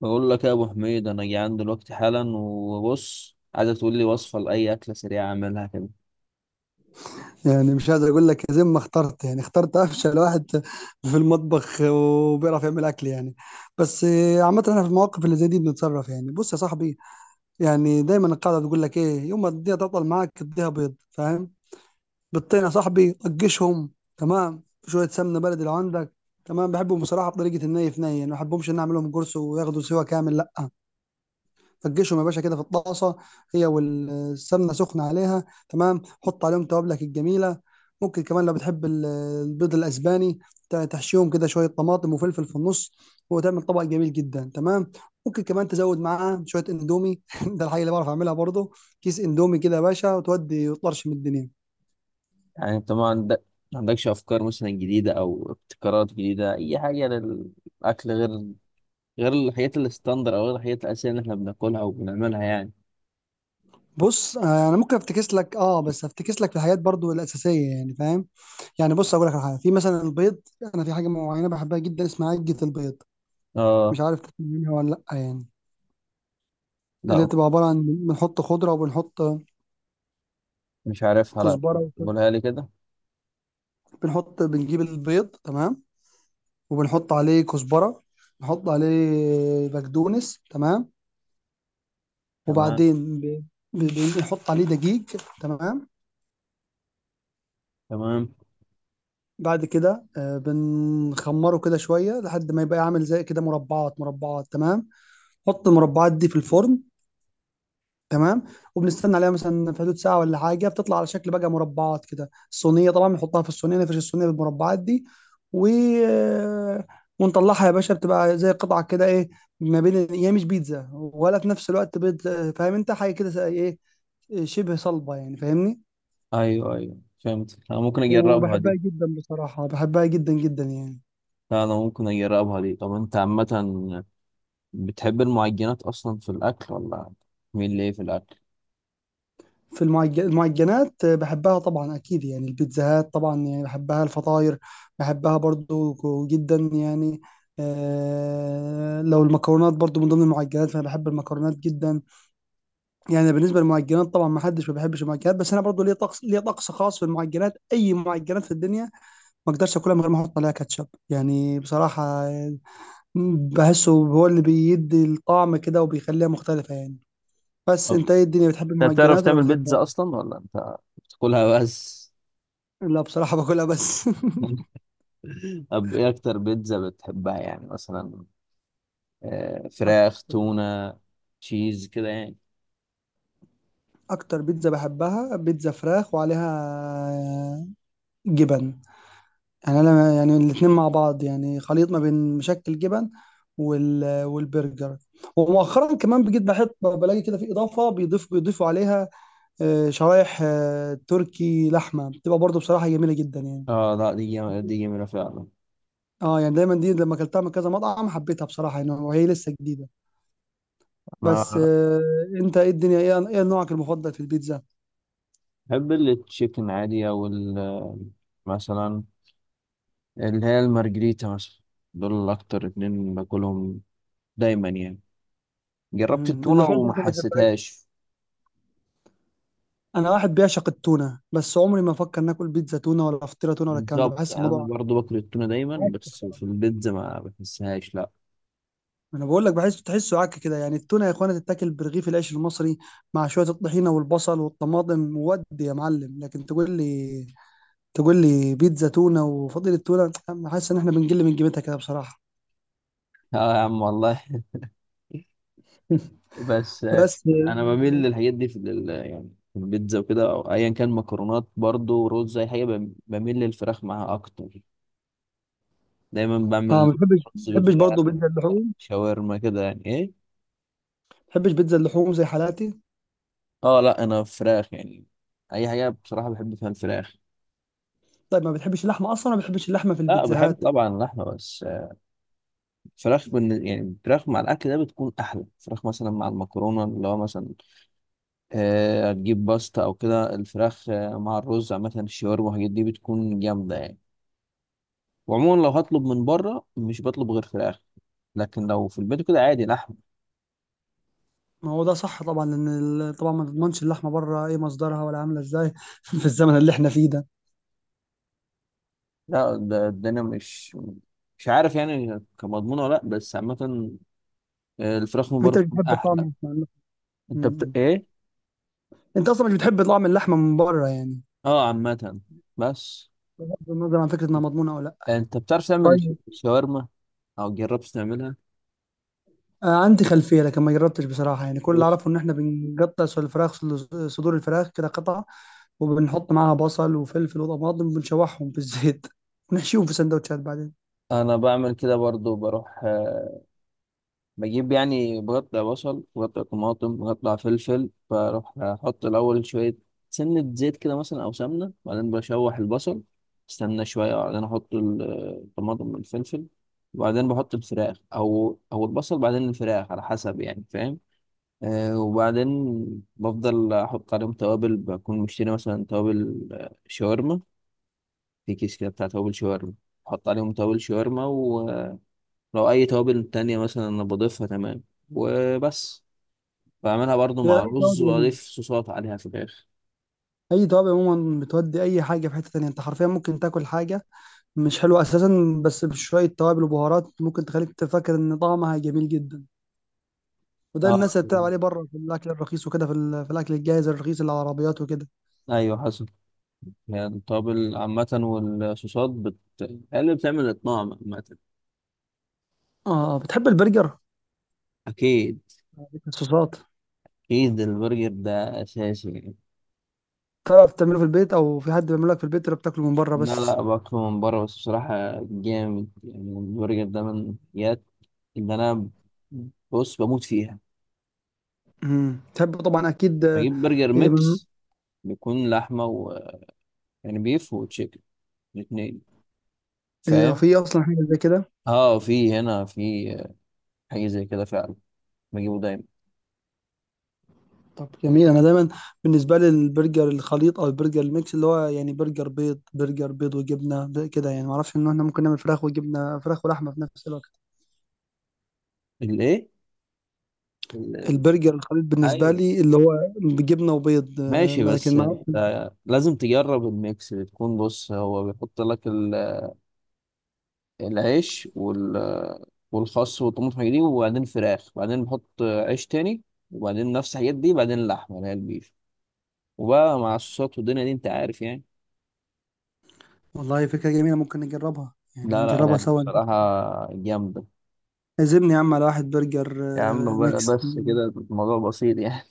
بقول لك يا ابو حميد، انا جعان دلوقتي حالا. وبص، عايزك تقول لي وصفه لاي اكله سريعه اعملها كده. يعني مش قادر اقول لك زي ما اخترت، يعني اخترت افشل واحد في المطبخ وبيعرف يعمل اكل يعني. بس عامه احنا في المواقف اللي زي دي بنتصرف، يعني بص يا صاحبي، يعني دايما القاعده بتقول لك ايه، يوم ما الدنيا تطول معاك اديها بيض، فاهم؟ بيضتين يا صاحبي طجشهم، تمام، شويه سمنه بلدي لو عندك، تمام. بحبهم بصراحه بطريقه الني في ني، يعني ما بحبهمش ان أنا اعملهم قرص وياخدوا سوا كامل، لا. فركشهم يا باشا كده في الطاسه، هي والسمنه سخنه عليها، تمام. حط عليهم توابلك الجميله. ممكن كمان لو بتحب البيض الاسباني تحشيهم كده شويه طماطم وفلفل في النص، وتعمل طبق جميل جدا، تمام. ممكن كمان تزود معاه شويه اندومي ده الحاجه اللي بعرف اعملها برضه. كيس اندومي كده يا باشا وتودي وطرش من الدنيا. يعني انت ما عندك، ما عندكش افكار مثلا جديده او ابتكارات جديده، اي حاجه للاكل غير غير الحاجات الستاندر، او غير الحاجات الاساسيه اللي احنا بناكلها وبنعملها يعني. بص انا ممكن افتكس لك، اه بس افتكس لك في الحاجات برضو الاساسيه، يعني فاهم؟ يعني بص اقول لك على حاجه في مثلا البيض. انا في حاجه معينه بحبها جدا اسمها عجه البيض. مش اه، عارف تاكل منها ولا لأ يعني. اللي لا بتبقى عبارة عن بنحط خضرة وبنحط مش عارفها، لا. كزبرة وكده. قولها لي كده. بنحط، بنجيب البيض، تمام، وبنحط عليه كزبرة، نحط عليه بقدونس، تمام، تمام. وبعدين بنحط عليه دقيق، تمام. تمام. بعد كده بنخمره كده شوية لحد ما يبقى عامل زي كده مربعات مربعات، تمام. حط المربعات دي في الفرن، تمام، وبنستنى عليها مثلا في حدود ساعه ولا حاجه، بتطلع على شكل بقى مربعات كده. الصينيه طبعا بنحطها في الصينيه، نفرش الصينيه بالمربعات دي و ونطلعها يا باشا، بتبقى زي قطعه كده ايه، ما بين هي مش بيتزا ولا في نفس الوقت بيض. فاهم انت؟ حاجه كده زي ايه، شبه صلبه يعني، فاهمني؟ ايوه ايوه، فهمت. انا ممكن اجربها وبحبها دي. جدا بصراحه، بحبها جدا جدا يعني. لا انا ممكن اجربها دي. طب انت عامه بتحب المعجنات اصلا في الاكل ولا؟ مين ليه في الاكل؟ في المعجنات بحبها طبعا اكيد، يعني البيتزاهات طبعا يعني بحبها، الفطاير بحبها برضو جدا يعني. آه لو المكرونات برضو من ضمن المعجنات، فانا بحب المكرونات جدا يعني. بالنسبه للمعجنات طبعا ما حدش ما بيحبش المعجنات، بس انا برضو ليا طقس خاص في المعجنات. اي معجنات في الدنيا ما اقدرش اكلها من غير ما احط عليها كاتشب، يعني بصراحه، بحسه هو اللي بيدي الطعم كده وبيخليها مختلفه يعني. بس طب انت ايه الدنيا، بتحب انت بتعرف المعجنات ولا تعمل بتحبها؟ بيتزا اصلا ولا انت بتاكلها بس؟ لا بصراحة باكلها بس. طب ايه اكتر بيتزا بتحبها يعني؟ مثلا فراخ، أكتر، تونة، تشيز كده يعني. أكتر بيتزا بحبها بيتزا فراخ وعليها جبن، يعني أنا يعني الاتنين مع بعض، يعني خليط ما بين مشكل جبن والبرجر. ومؤخرا كمان بقيت بحب بلاقي كده في إضافة، بيضيفوا عليها شرايح تركي لحمة، بتبقى برضو بصراحة جميلة جدا يعني. اه لا، دي جميلة فعلا. اه يعني دايما دي لما اكلتها من كذا مطعم حبيتها بصراحة يعني، وهي لسه جديدة. بس انا آه، انت ايه الدنيا، ايه نوعك المفضل في البيتزا؟ بحب التشيكن عادي، مثلا اللي هي المارجريتا مثلا. دول اكتر اتنين باكلهم دايما يعني. جربت مم. التونة اللحوم وما برضه ما بحبهاش. حسيتهاش. انا واحد بيعشق التونه، بس عمري ما افكر ناكل بيتزا تونه ولا فطيره تونه ولا الكلام ده. بالظبط بحس يعني، انا الموضوع برضو باكل التونة دايما، عك. بس في البيتزا ما بحسهاش لا. ما انا بقول لك، بحس تحسه عك كده يعني. التونه يا اخوانا تتاكل برغيف العيش المصري مع شويه الطحينه والبصل والطماطم، ودي يا معلم. لكن تقول لي بيتزا تونه وفضيله تونه، أنا حاسس ان احنا بنقل من قيمتها كده بصراحه. اه يا عم والله. بس بس انا بميل للحاجات دي يعني في البيتزا وكده، او ايا كان مكرونات، برضو رز، اي حاجه بميل للفراخ معاها اكتر. دايما اه بعمل ما رز بتحبش بالفراخ، برضه بيتزا اللحوم؟ شاورما كده يعني ايه. ما بتحبش بيتزا اللحوم زي حالاتي؟ اه لا، انا فراخ يعني. اي حاجه بصراحه بحب فيها الفراخ. طيب ما بتحبش اللحمه اصلا، ما بتحبش اللحمه في لا بحب البيتزاهات؟ طبعا اللحمه، بس يعني فراخ مع الاكل ده بتكون احلى. فراخ مثلا مع المكرونه، اللي هو مثلا هتجيب باستا او كده، الفراخ مع الرز، عامه الشاورما والحاجات دي بتكون جامده يعني. وعموما لو هطلب من بره مش بطلب غير فراخ، لكن لو في البيت كده عادي لحم. ما هو ده صح طبعا، لان طبعا ما تضمنش اللحمه بره ايه مصدرها ولا عامله ازاي في الزمن اللي احنا فيه ده. لا ده انا مش مش عارف يعني كمضمون ولا لا، بس عامة الفراخ من بره انت مش بتكون بتحب طعم احلى. اللحمة ولا لا؟ م- م. ايه؟ انت اصلا مش بتحب طعم اللحمه من بره يعني، اه عامة. بس بغض النظر عن فكره انها مضمونه او لا؟ انت بتعرف تعمل طيب، شاورما او جربت تعملها؟ آه عندي خلفيه لكن ما جربتش بصراحه، يعني كل اللي بص اعرفه ان احنا بنقطع صدور الفراخ، كده قطع، وبنحط معاها بصل وفلفل وطماطم وبنشوحهم في الزيت ونحشيهم في سندوتشات بعدين. انا بعمل كده برضو. بروح بجيب، يعني بقطع بصل، بقطع طماطم، بقطع فلفل، بروح احط الاول شويه سنه زيت كده مثلا، او سمنه، بعدين بشوح البصل، استنى شويه، وبعدين احط الطماطم والفلفل، وبعدين بحط الفراخ، او البصل بعدين الفراخ على حسب، يعني فاهم. أه وبعدين بفضل احط عليهم توابل، بكون مشتري مثلا توابل شاورما، في كيس كده بتاع توابل شاورما، بحط عليهم توابل شاورما. ولو اي توابل تانية مثلا انا بضيفها، تمام؟ وبس. بعملها برضو مع يا اي رز، توابل عموما، واضيف صوصات عليها في الاخر. بتودي اي حاجه في حته تانيه. انت حرفيا ممكن تاكل حاجه مش حلو اساسا، بس بشويه توابل وبهارات ممكن تخليك تفكر ان طعمها جميل جدا. وده اللي اه الناس اللي بتلعب عليه بره في الاكل الرخيص وكده، في, في الاكل الجاهز الرخيص اللي على العربيات وكده. ايوه، حسب. هي التوابل عامة والصوصات هي اللي بتعمل الطعم عامة. اه بتحب البرجر، اكيد. الصوصات؟ اكيد البرجر ده اساسي يعني. تعرف تعمله في البيت او في حد بيعمله لك في البيت، ولا بتاكله من بره لا بس؟ لا، باكله من بره بس بصراحة. جامد يعني البرجر ده، من الحاجات اللي انا، بص، بموت فيها. تحب طبعا اكيد، بجيب برجر هي من- ميكس، بيكون لحمة و، يعني بيف وتشيكن الاتنين، هي فاهم؟ في اصلا حاجه زي كده؟ اه في هنا في حاجة زي كده فعلا. بجيبه دايما. طب جميل، انا دايما بالنسبه لي البرجر الخليط او البرجر الميكس، اللي هو يعني برجر بيض، وجبنه كده يعني. ما اعرفش ان احنا ممكن نعمل فراخ وجبنه، فراخ ولحمه في نفس الوقت. الايه، ال- البرجر الخليط بالنسبة ايوه لي اللي هو بجبنة وبيض ماشي. بس لكن معاه. انت لازم تجرب الميكس. بتكون، بص، هو بيحط لك العيش وال والخس والطماطم والحاجات دي، وبعدين فراخ، وبعدين بحط عيش تاني، وبعدين نفس الحاجات دي، بعدين اللحمة اللي هي البيف، وبقى مع الصوصات والدنيا دي، انت عارف يعني. والله فكرة جميلة، ممكن نجربها يعني لا لا نجربها يعني سوا. بصراحة جامدة. عزمني يا عم على واحد برجر يا عم بقى ميكس. بس كده الموضوع بسيط يعني.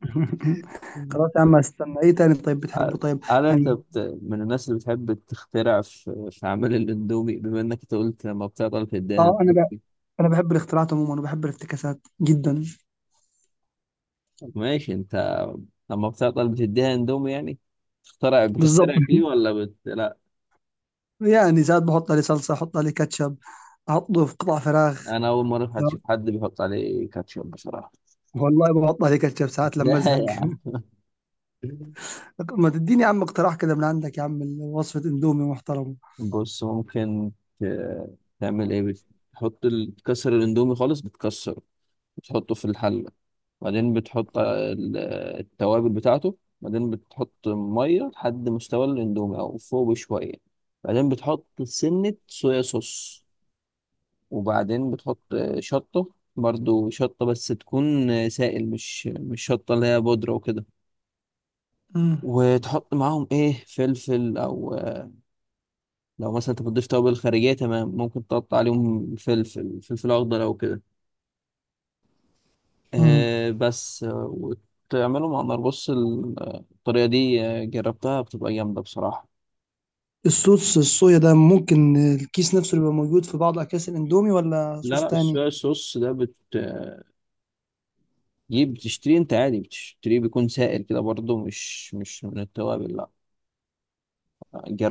خلاص يا عم استنى ايه تاني طيب، بتحبه؟ طيب هل يعني من الناس اللي بتحب تخترع في عمل الاندومي؟ بما انك أنت قلت لما بتعطل بتديها اه، انا بقى، اندومي. انا بحب الاختراعات عموما وبحب الافتكاسات جدا. ماشي، انت لما بتعطل بتديها اندومي، يعني تخترع، بالظبط. بتخترع فيه ولا لا؟ يعني ساعات بحط عليه صلصة، احط عليه كاتشب، احطه في قطع فراخ. انا اول مره في حد اشوف لا، حد بيحط عليه كاتشب بصراحه. والله بحط عليه كاتشب ساعات لما لا ازهق. يا عم. ما تديني يا عم اقتراح كده من عندك يا عم، وصفة اندومي محترمة. بص ممكن ت... تعمل ايه، بتحط تكسر الاندومي خالص، بتكسره، بتحطه في الحلة، بعدين بتحط التوابل بتاعته، بعدين بتحط مية لحد مستوى الاندومي أو فوق بشوية، بعدين بتحط سنة صويا صوص، وبعدين بتحط شطة، برضو شطة بس تكون سائل، مش مش شطة اللي هي بودرة وكده، مم. وتحط معاهم ايه، فلفل او، لو مثلا انت بتضيف توابل خارجية تمام، ممكن تقطع عليهم فلفل، فلفل اخضر او كده مم. بس آه، وتعمله مع النار. بص الطريقة دي جربتها، بتبقى جامدة بصراحة. الصوص الصويا ده ممكن الكيس نفسه يبقى موجود في بعض اكياس الاندومي، ولا لا صوص لا، تاني؟ الصويا الصوص ده بتجيب، بتشتريه انت عادي، بتشتريه بيكون سائل كده برضه، مش مش من التوابل لا.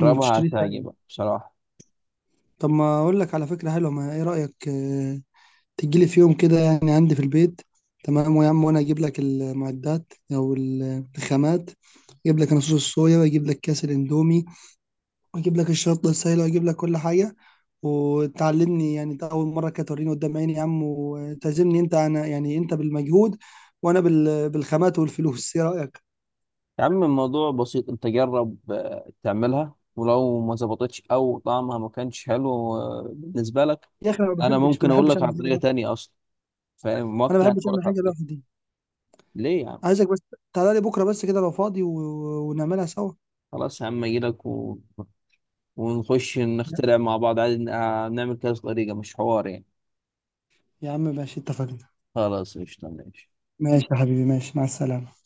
مم. تشتريه سائل؟ هتعجبك بصراحة. طب ما اقول لك على فكره حلوه، ما ايه رايك تجيلي في يوم كده يعني عندي في البيت، تمام، ويا عم وانا اجيب لك المعدات او الخامات. اجيب لك انا صوص الصويا، واجيب لك كاس الاندومي، واجيب لك الشطه السايله، واجيب لك كل حاجه. وتعلمني يعني، ده اول مره كانت توريني قدام عيني يا عم، وتعزمني انت انا، يعني انت بالمجهود وانا بالخامات والفلوس، ايه رايك؟ يا عم الموضوع بسيط، انت جرب تعملها، ولو ما ظبطتش او طعمها ما كانش حلو بالنسبة لك، يا اخي انا انا ما ممكن اقول بحبش لك على اعمل حاجه طريقة لوحدي. تانية اصلا، فاهم؟ انا ما وقتها انا بحبش اقول اعمل لك على حاجه طريقة. لوحدي. ليه يا عم؟ عايزك بس تعالى لي بكره بس كده لو فاضي ونعملها سوا. خلاص يا عم، اجي لك ونخش لا. نخترع مع بعض عادي، نعمل كذا طريقة، مش حوار يعني. يا عم ماشي، اتفقنا. خلاص قشطة، ماشي. ماشي يا حبيبي، ماشي، مع السلامه.